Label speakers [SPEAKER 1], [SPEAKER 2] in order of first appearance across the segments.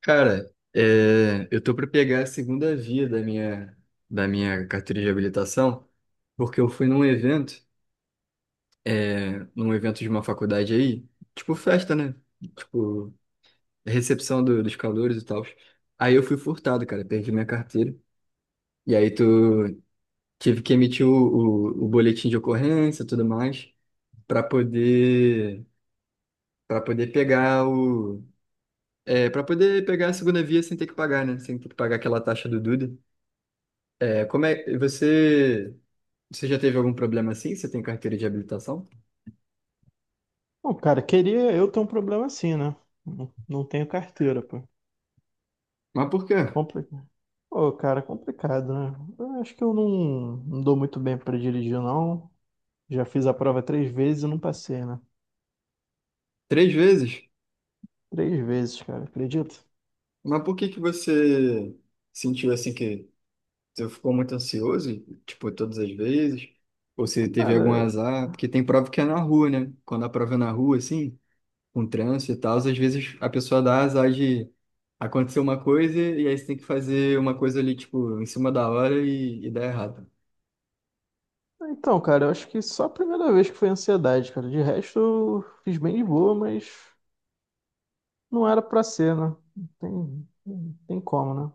[SPEAKER 1] Cara, é, eu tô para pegar a segunda via da minha carteira de habilitação, porque eu fui num evento, é, num evento de uma faculdade aí, tipo festa, né? Tipo, recepção dos calouros e tal. Aí eu fui furtado, cara, perdi minha carteira. E aí tu tive que emitir o boletim de ocorrência e tudo mais, para poder, para poder pegar o, é, para poder pegar a segunda via sem ter que pagar, né? Sem ter que pagar aquela taxa do Duda. É, como é, e você já teve algum problema assim? Você tem carteira de habilitação?
[SPEAKER 2] Pô, cara, queria eu ter um problema assim, né? Não tenho carteira, pô.
[SPEAKER 1] Mas por quê?
[SPEAKER 2] Complicado. Pô, cara, complicado, né? Eu acho que eu não dou muito bem pra dirigir, não. Já fiz a prova três vezes e não passei, né?
[SPEAKER 1] Três vezes?
[SPEAKER 2] Três vezes, cara, acredita?
[SPEAKER 1] Mas por que que você sentiu assim que você ficou muito ansioso, tipo, todas as vezes? Ou você teve algum
[SPEAKER 2] Cara,
[SPEAKER 1] azar? Porque tem prova que é na rua, né? Quando a prova é na rua, assim, com trânsito e tal, às vezes a pessoa dá azar de acontecer uma coisa e aí você tem que fazer uma coisa ali, tipo, em cima da hora e dá errado.
[SPEAKER 2] cara, eu acho que só a primeira vez que foi ansiedade, cara. De resto, eu fiz bem de boa, mas não era pra ser, né? Não tem como, né?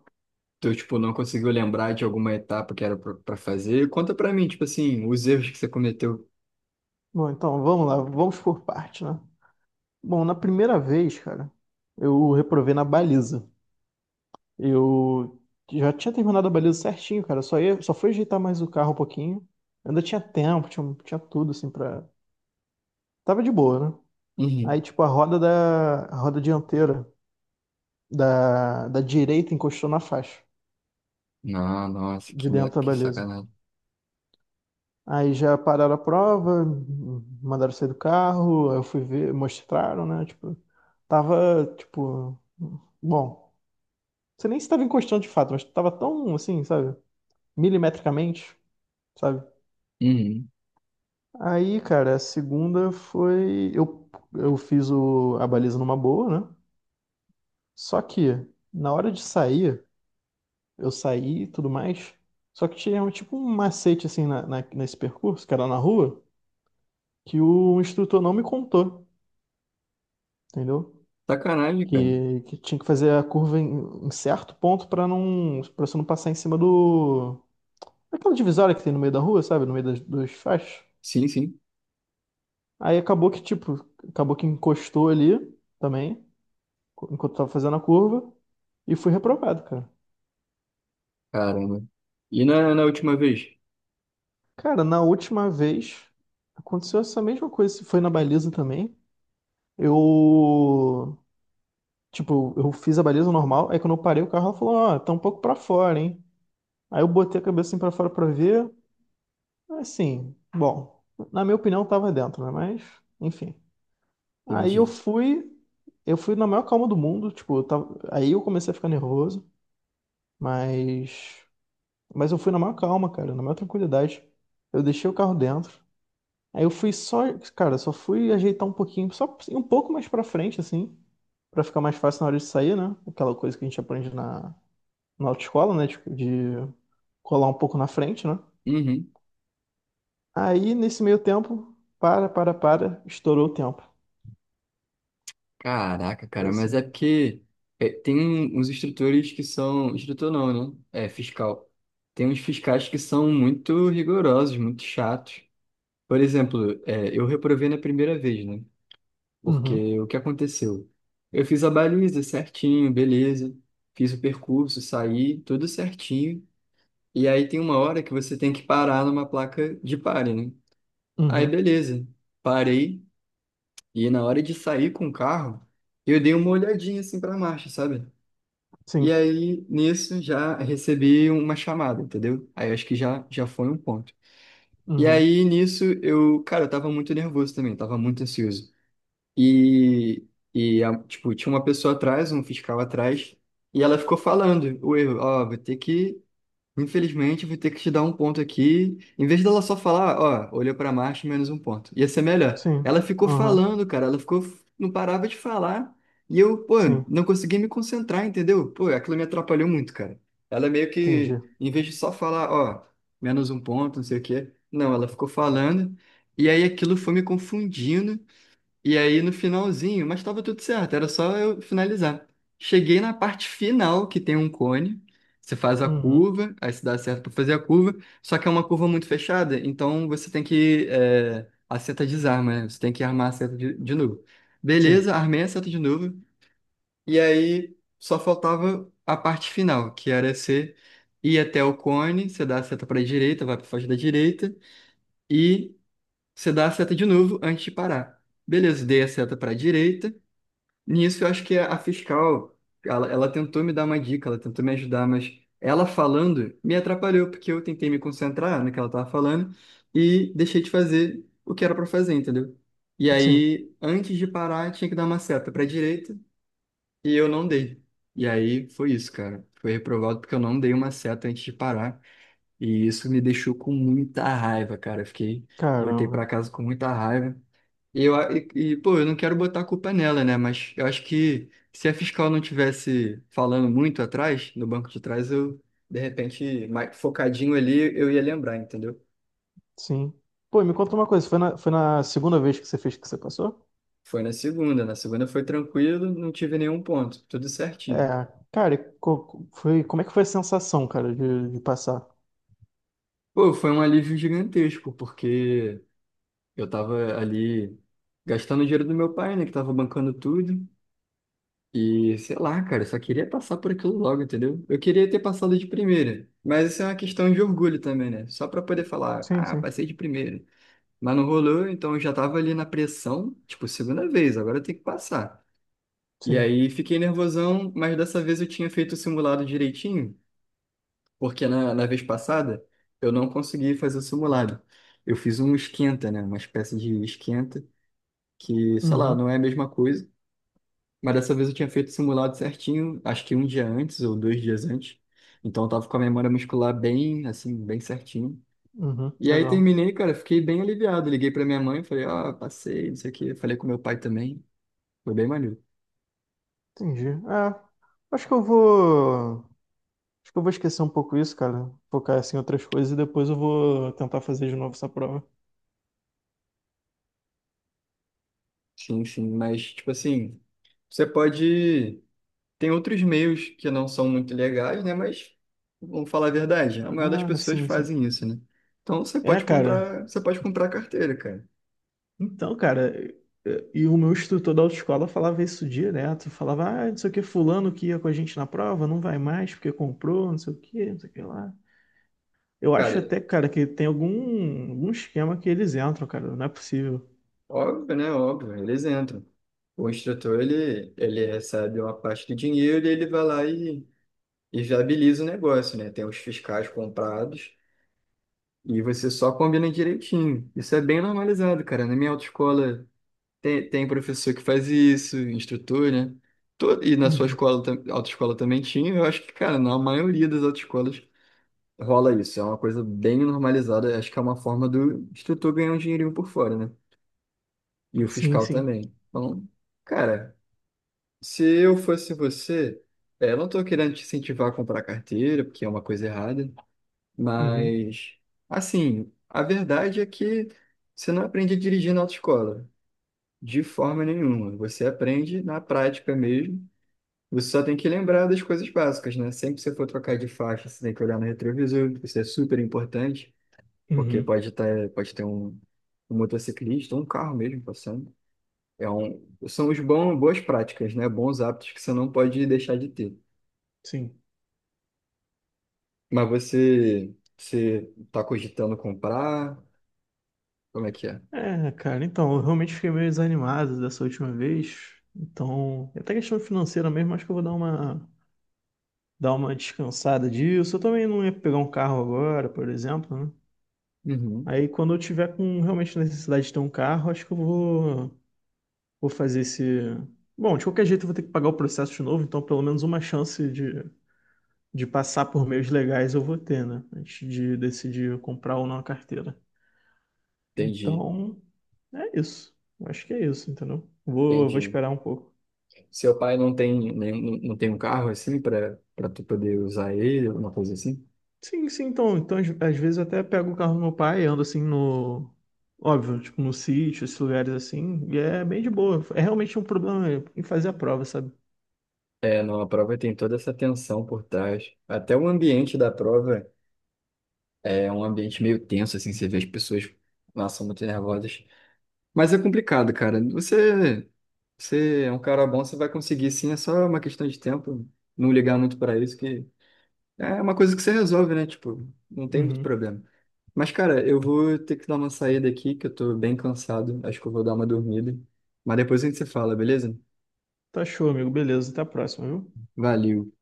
[SPEAKER 1] Tu, tipo, não conseguiu lembrar de alguma etapa que era pra fazer? Conta pra mim, tipo assim, os erros que você cometeu.
[SPEAKER 2] Bom, então, vamos lá, vamos por parte, né? Bom, na primeira vez, cara, eu reprovei na baliza. Eu já tinha terminado a baliza certinho, cara. Só fui ajeitar mais o carro um pouquinho. Ainda tinha tempo, tinha tudo assim pra. Tava de boa, né?
[SPEAKER 1] Uhum.
[SPEAKER 2] Aí, tipo, a roda dianteira da direita encostou na faixa
[SPEAKER 1] Não, nossa,
[SPEAKER 2] de dentro da
[SPEAKER 1] que
[SPEAKER 2] baliza.
[SPEAKER 1] sacanagem.
[SPEAKER 2] Aí já pararam a prova, mandaram sair do carro, aí eu fui ver, mostraram, né? Tipo, tava, tipo, bom, você nem estava encostando de fato, mas tava tão assim, sabe? Milimetricamente, sabe?
[SPEAKER 1] Uhum.
[SPEAKER 2] Aí, cara, a segunda foi. Eu a baliza numa boa, né? Só que, na hora de sair, eu saí e tudo mais. Só que tinha um, tipo um macete, assim, nesse percurso, que era na rua, que o instrutor não me contou, entendeu?
[SPEAKER 1] Sacanagem, cara.
[SPEAKER 2] Que tinha que fazer a curva em certo ponto pra não, para você não passar em cima do. Aquela divisória que tem no meio da rua, sabe? No meio das, dos faixas.
[SPEAKER 1] Sim, sim.
[SPEAKER 2] Aí acabou que, tipo, acabou que encostou ali também. Enquanto eu tava fazendo a curva e fui reprovado, cara.
[SPEAKER 1] Caramba. E na, na última vez?
[SPEAKER 2] Cara, na última vez aconteceu essa mesma coisa, se foi na baliza também. Eu, tipo, eu fiz a baliza normal, aí quando eu parei o carro, ela falou: "Ó, tá um pouco pra fora, hein?". Aí eu botei a cabeça assim pra fora pra ver. Assim, bom, na minha opinião tava dentro, né? Mas, enfim. Aí eu
[SPEAKER 1] Entendi.
[SPEAKER 2] fui, eu fui na maior calma do mundo, tipo, aí eu comecei a ficar nervoso, mas Mas eu fui na maior calma, cara, na maior tranquilidade. Eu deixei o carro dentro. Aí eu fui só, cara, só fui ajeitar um pouquinho, só um pouco mais pra frente, assim, pra ficar mais fácil na hora de sair, né? Aquela coisa que a gente aprende na autoescola, né? De colar um pouco na frente, né?
[SPEAKER 1] Uhum.
[SPEAKER 2] Aí, nesse meio tempo, estourou o tempo.
[SPEAKER 1] Caraca,
[SPEAKER 2] Foi
[SPEAKER 1] cara, mas é
[SPEAKER 2] assim.
[SPEAKER 1] porque é, tem uns instrutores que são. Instrutor não, né? É, fiscal. Tem uns fiscais que são muito rigorosos, muito chatos. Por exemplo, é, eu reprovei na primeira vez, né?
[SPEAKER 2] Uhum,
[SPEAKER 1] Porque o que aconteceu? Eu fiz a baliza certinho, beleza. Fiz o percurso, saí, tudo certinho. E aí tem uma hora que você tem que parar numa placa de pare, né? Aí
[SPEAKER 2] uhum,
[SPEAKER 1] beleza. Parei e na hora de sair com o carro, eu dei uma olhadinha assim pra marcha, sabe? E
[SPEAKER 2] sim,
[SPEAKER 1] aí nisso já recebi uma chamada, entendeu? Aí acho que já foi um ponto. E
[SPEAKER 2] uhum,
[SPEAKER 1] aí nisso eu, cara, eu tava muito nervoso também, tava muito ansioso. E, tipo, tinha uma pessoa atrás, um fiscal atrás, e ela ficou falando o erro, ó, vou ter que, infelizmente, vou ter que te dar um ponto aqui. Em vez dela só falar, ó, olhou para marcha, menos um ponto. Ia ser melhor.
[SPEAKER 2] sim,
[SPEAKER 1] Ela ficou
[SPEAKER 2] aham,
[SPEAKER 1] falando, cara, ela ficou, não parava de falar, e eu, pô,
[SPEAKER 2] sim,
[SPEAKER 1] não consegui me concentrar, entendeu? Pô, aquilo me atrapalhou muito, cara. Ela meio que,
[SPEAKER 2] entendi.
[SPEAKER 1] em vez de só falar, ó, menos um ponto, não sei o quê, não, ela ficou falando, e aí aquilo foi me confundindo. E aí no finalzinho, mas estava tudo certo, era só eu finalizar. Cheguei na parte final, que tem um cone, você faz a
[SPEAKER 2] Uhum,
[SPEAKER 1] curva, aí se dá certo para fazer a curva, só que é uma curva muito fechada, então você tem que. É, a seta desarma, né? Você tem que armar a seta de novo.
[SPEAKER 2] sim,
[SPEAKER 1] Beleza, armei a seta de novo, e aí só faltava a parte final, que era você ir até o cone, você dá a seta para a direita, vai para faixa da direita, e você dá a seta de novo antes de parar. Beleza, dei a seta para a direita. Nisso, eu acho que a fiscal, ela tentou me dar uma dica, ela tentou me ajudar, mas ela falando me atrapalhou, porque eu tentei me concentrar no que ela estava falando e deixei de fazer o que era para fazer, entendeu? E
[SPEAKER 2] sim,
[SPEAKER 1] aí, antes de parar, tinha que dar uma seta para direita e eu não dei. E aí foi isso, cara. Foi reprovado porque eu não dei uma seta antes de parar. E isso me deixou com muita raiva, cara. Eu fiquei, voltei para
[SPEAKER 2] caramba.
[SPEAKER 1] casa com muita raiva. E, eu, pô, eu não quero botar a culpa nela, né? Mas eu acho que se a fiscal não tivesse falando muito atrás, no banco de trás, eu, de repente, mais focadinho ali, eu ia lembrar, entendeu?
[SPEAKER 2] Sim. Pô, e me conta uma coisa, foi na segunda vez que você fez que você passou?
[SPEAKER 1] Foi na segunda. Na segunda foi tranquilo, não tive nenhum ponto, tudo certinho.
[SPEAKER 2] É, cara, foi, como é que foi a sensação, cara, de passar?
[SPEAKER 1] Pô, foi um alívio gigantesco, porque eu tava ali gastando o dinheiro do meu pai, né? Que tava bancando tudo. E sei lá, cara, eu só queria passar por aquilo logo, entendeu? Eu queria ter passado de primeira, mas isso é uma questão de orgulho também, né? Só pra poder falar,
[SPEAKER 2] Sim,
[SPEAKER 1] ah,
[SPEAKER 2] sim,
[SPEAKER 1] passei de primeira. Mas não rolou, então eu já tava ali na pressão, tipo, segunda vez, agora eu tenho que passar. E
[SPEAKER 2] sim.
[SPEAKER 1] aí fiquei nervosão, mas dessa vez eu tinha feito o simulado direitinho, porque na vez passada eu não consegui fazer o simulado. Eu fiz um esquenta, né? Uma espécie de esquenta, que, sei lá,
[SPEAKER 2] Uhum,
[SPEAKER 1] não é a mesma coisa. Mas dessa vez eu tinha feito o simulado certinho, acho que um dia antes ou dois dias antes. Então eu tava com a memória muscular bem, assim, bem certinho.
[SPEAKER 2] uhum,
[SPEAKER 1] E aí
[SPEAKER 2] legal.
[SPEAKER 1] terminei, cara, fiquei bem aliviado. Liguei pra minha mãe, falei, ó, passei, não sei o quê. Falei com meu pai também. Foi bem maneiro.
[SPEAKER 2] Entendi. É, acho que eu vou, acho que eu vou esquecer um pouco isso, cara, focar assim em outras coisas e depois eu vou tentar fazer de novo essa prova.
[SPEAKER 1] Sim, sim, mas, tipo assim, você pode. Tem outros meios que não são muito legais, né? Mas, vamos falar a verdade, a maioria das
[SPEAKER 2] Ah,
[SPEAKER 1] pessoas
[SPEAKER 2] sim, sim.
[SPEAKER 1] fazem isso, né? Então você
[SPEAKER 2] É,
[SPEAKER 1] pode
[SPEAKER 2] cara,
[SPEAKER 1] comprar, você pode comprar carteira, cara.
[SPEAKER 2] Então, cara, e o meu instrutor da autoescola falava isso direto. Falava, ah, não sei o que, fulano que ia com a gente na prova, não vai mais porque comprou, não sei o que, não sei o que lá. Eu acho
[SPEAKER 1] Cara,
[SPEAKER 2] até, cara, que tem algum esquema que eles entram, cara, não é possível.
[SPEAKER 1] óbvio, né? Óbvio, eles entram. O instrutor, ele recebe uma parte do dinheiro e ele vai lá e viabiliza o negócio, né? Tem os fiscais comprados e você só combina direitinho. Isso é bem normalizado, cara. Na minha autoescola tem professor que faz isso, instrutor, né? Todo, e na sua
[SPEAKER 2] Uhum.
[SPEAKER 1] escola, autoescola também tinha. Eu acho que, cara, na maioria das autoescolas rola isso. É uma coisa bem normalizada. Acho que é uma forma do instrutor ganhar um dinheirinho por fora, né? E o
[SPEAKER 2] Sim,
[SPEAKER 1] fiscal
[SPEAKER 2] sim.
[SPEAKER 1] também. Então, cara. Se eu fosse você, é, eu não estou querendo te incentivar a comprar carteira, porque é uma coisa errada,
[SPEAKER 2] Uhum.
[SPEAKER 1] mas, assim, a verdade é que você não aprende a dirigir na autoescola, de forma nenhuma. Você aprende na prática mesmo. Você só tem que lembrar das coisas básicas, né? Sempre que você for trocar de faixa, você tem que olhar no retrovisor, isso é super importante, porque
[SPEAKER 2] Uhum.
[SPEAKER 1] pode ter um, um motociclista, ou um carro mesmo passando. É um, são os bons, boas práticas, né? Bons hábitos que você não pode deixar de ter.
[SPEAKER 2] Sim.
[SPEAKER 1] Mas você tá cogitando comprar? Como é que é?
[SPEAKER 2] É, cara, então, eu realmente fiquei meio desanimado dessa última vez. Então, é até questão financeira mesmo, acho que eu vou dar uma descansada disso. Eu também não ia pegar um carro agora, por exemplo, né?
[SPEAKER 1] Uhum.
[SPEAKER 2] Aí quando eu tiver com realmente necessidade de ter um carro, acho que eu vou, vou fazer esse. Bom, de qualquer jeito eu vou ter que pagar o processo de novo, então pelo menos uma chance de passar por meios legais eu vou ter, né? Antes de decidir comprar ou não a carteira.
[SPEAKER 1] Entendi,
[SPEAKER 2] Então, é isso. Eu acho que é isso, entendeu? Vou
[SPEAKER 1] entendi.
[SPEAKER 2] esperar um pouco.
[SPEAKER 1] Seu pai não tem nenhum, não tem um carro assim para tu poder usar ele, alguma coisa assim?
[SPEAKER 2] Sim, sim, então, então às vezes eu até pego o carro do meu pai e ando assim no. Óbvio, tipo no sítio, esses lugares assim, e é bem de boa. É realmente um problema em fazer a prova, sabe?
[SPEAKER 1] É, não, a prova tem toda essa tensão por trás. Até o ambiente da prova é um ambiente meio tenso, assim, você vê as pessoas, nossa, muito nervosas. Mas é complicado, cara. Você é um cara bom, você vai conseguir sim, é só uma questão de tempo. Não ligar muito para isso que é uma coisa que você resolve, né? Tipo, não tem muito
[SPEAKER 2] Uhum.
[SPEAKER 1] problema. Mas, cara, eu vou ter que dar uma saída aqui, que eu tô bem cansado. Acho que eu vou dar uma dormida. Mas depois a gente se fala, beleza?
[SPEAKER 2] Tá show, amigo. Beleza, até a próxima, viu?
[SPEAKER 1] Valeu.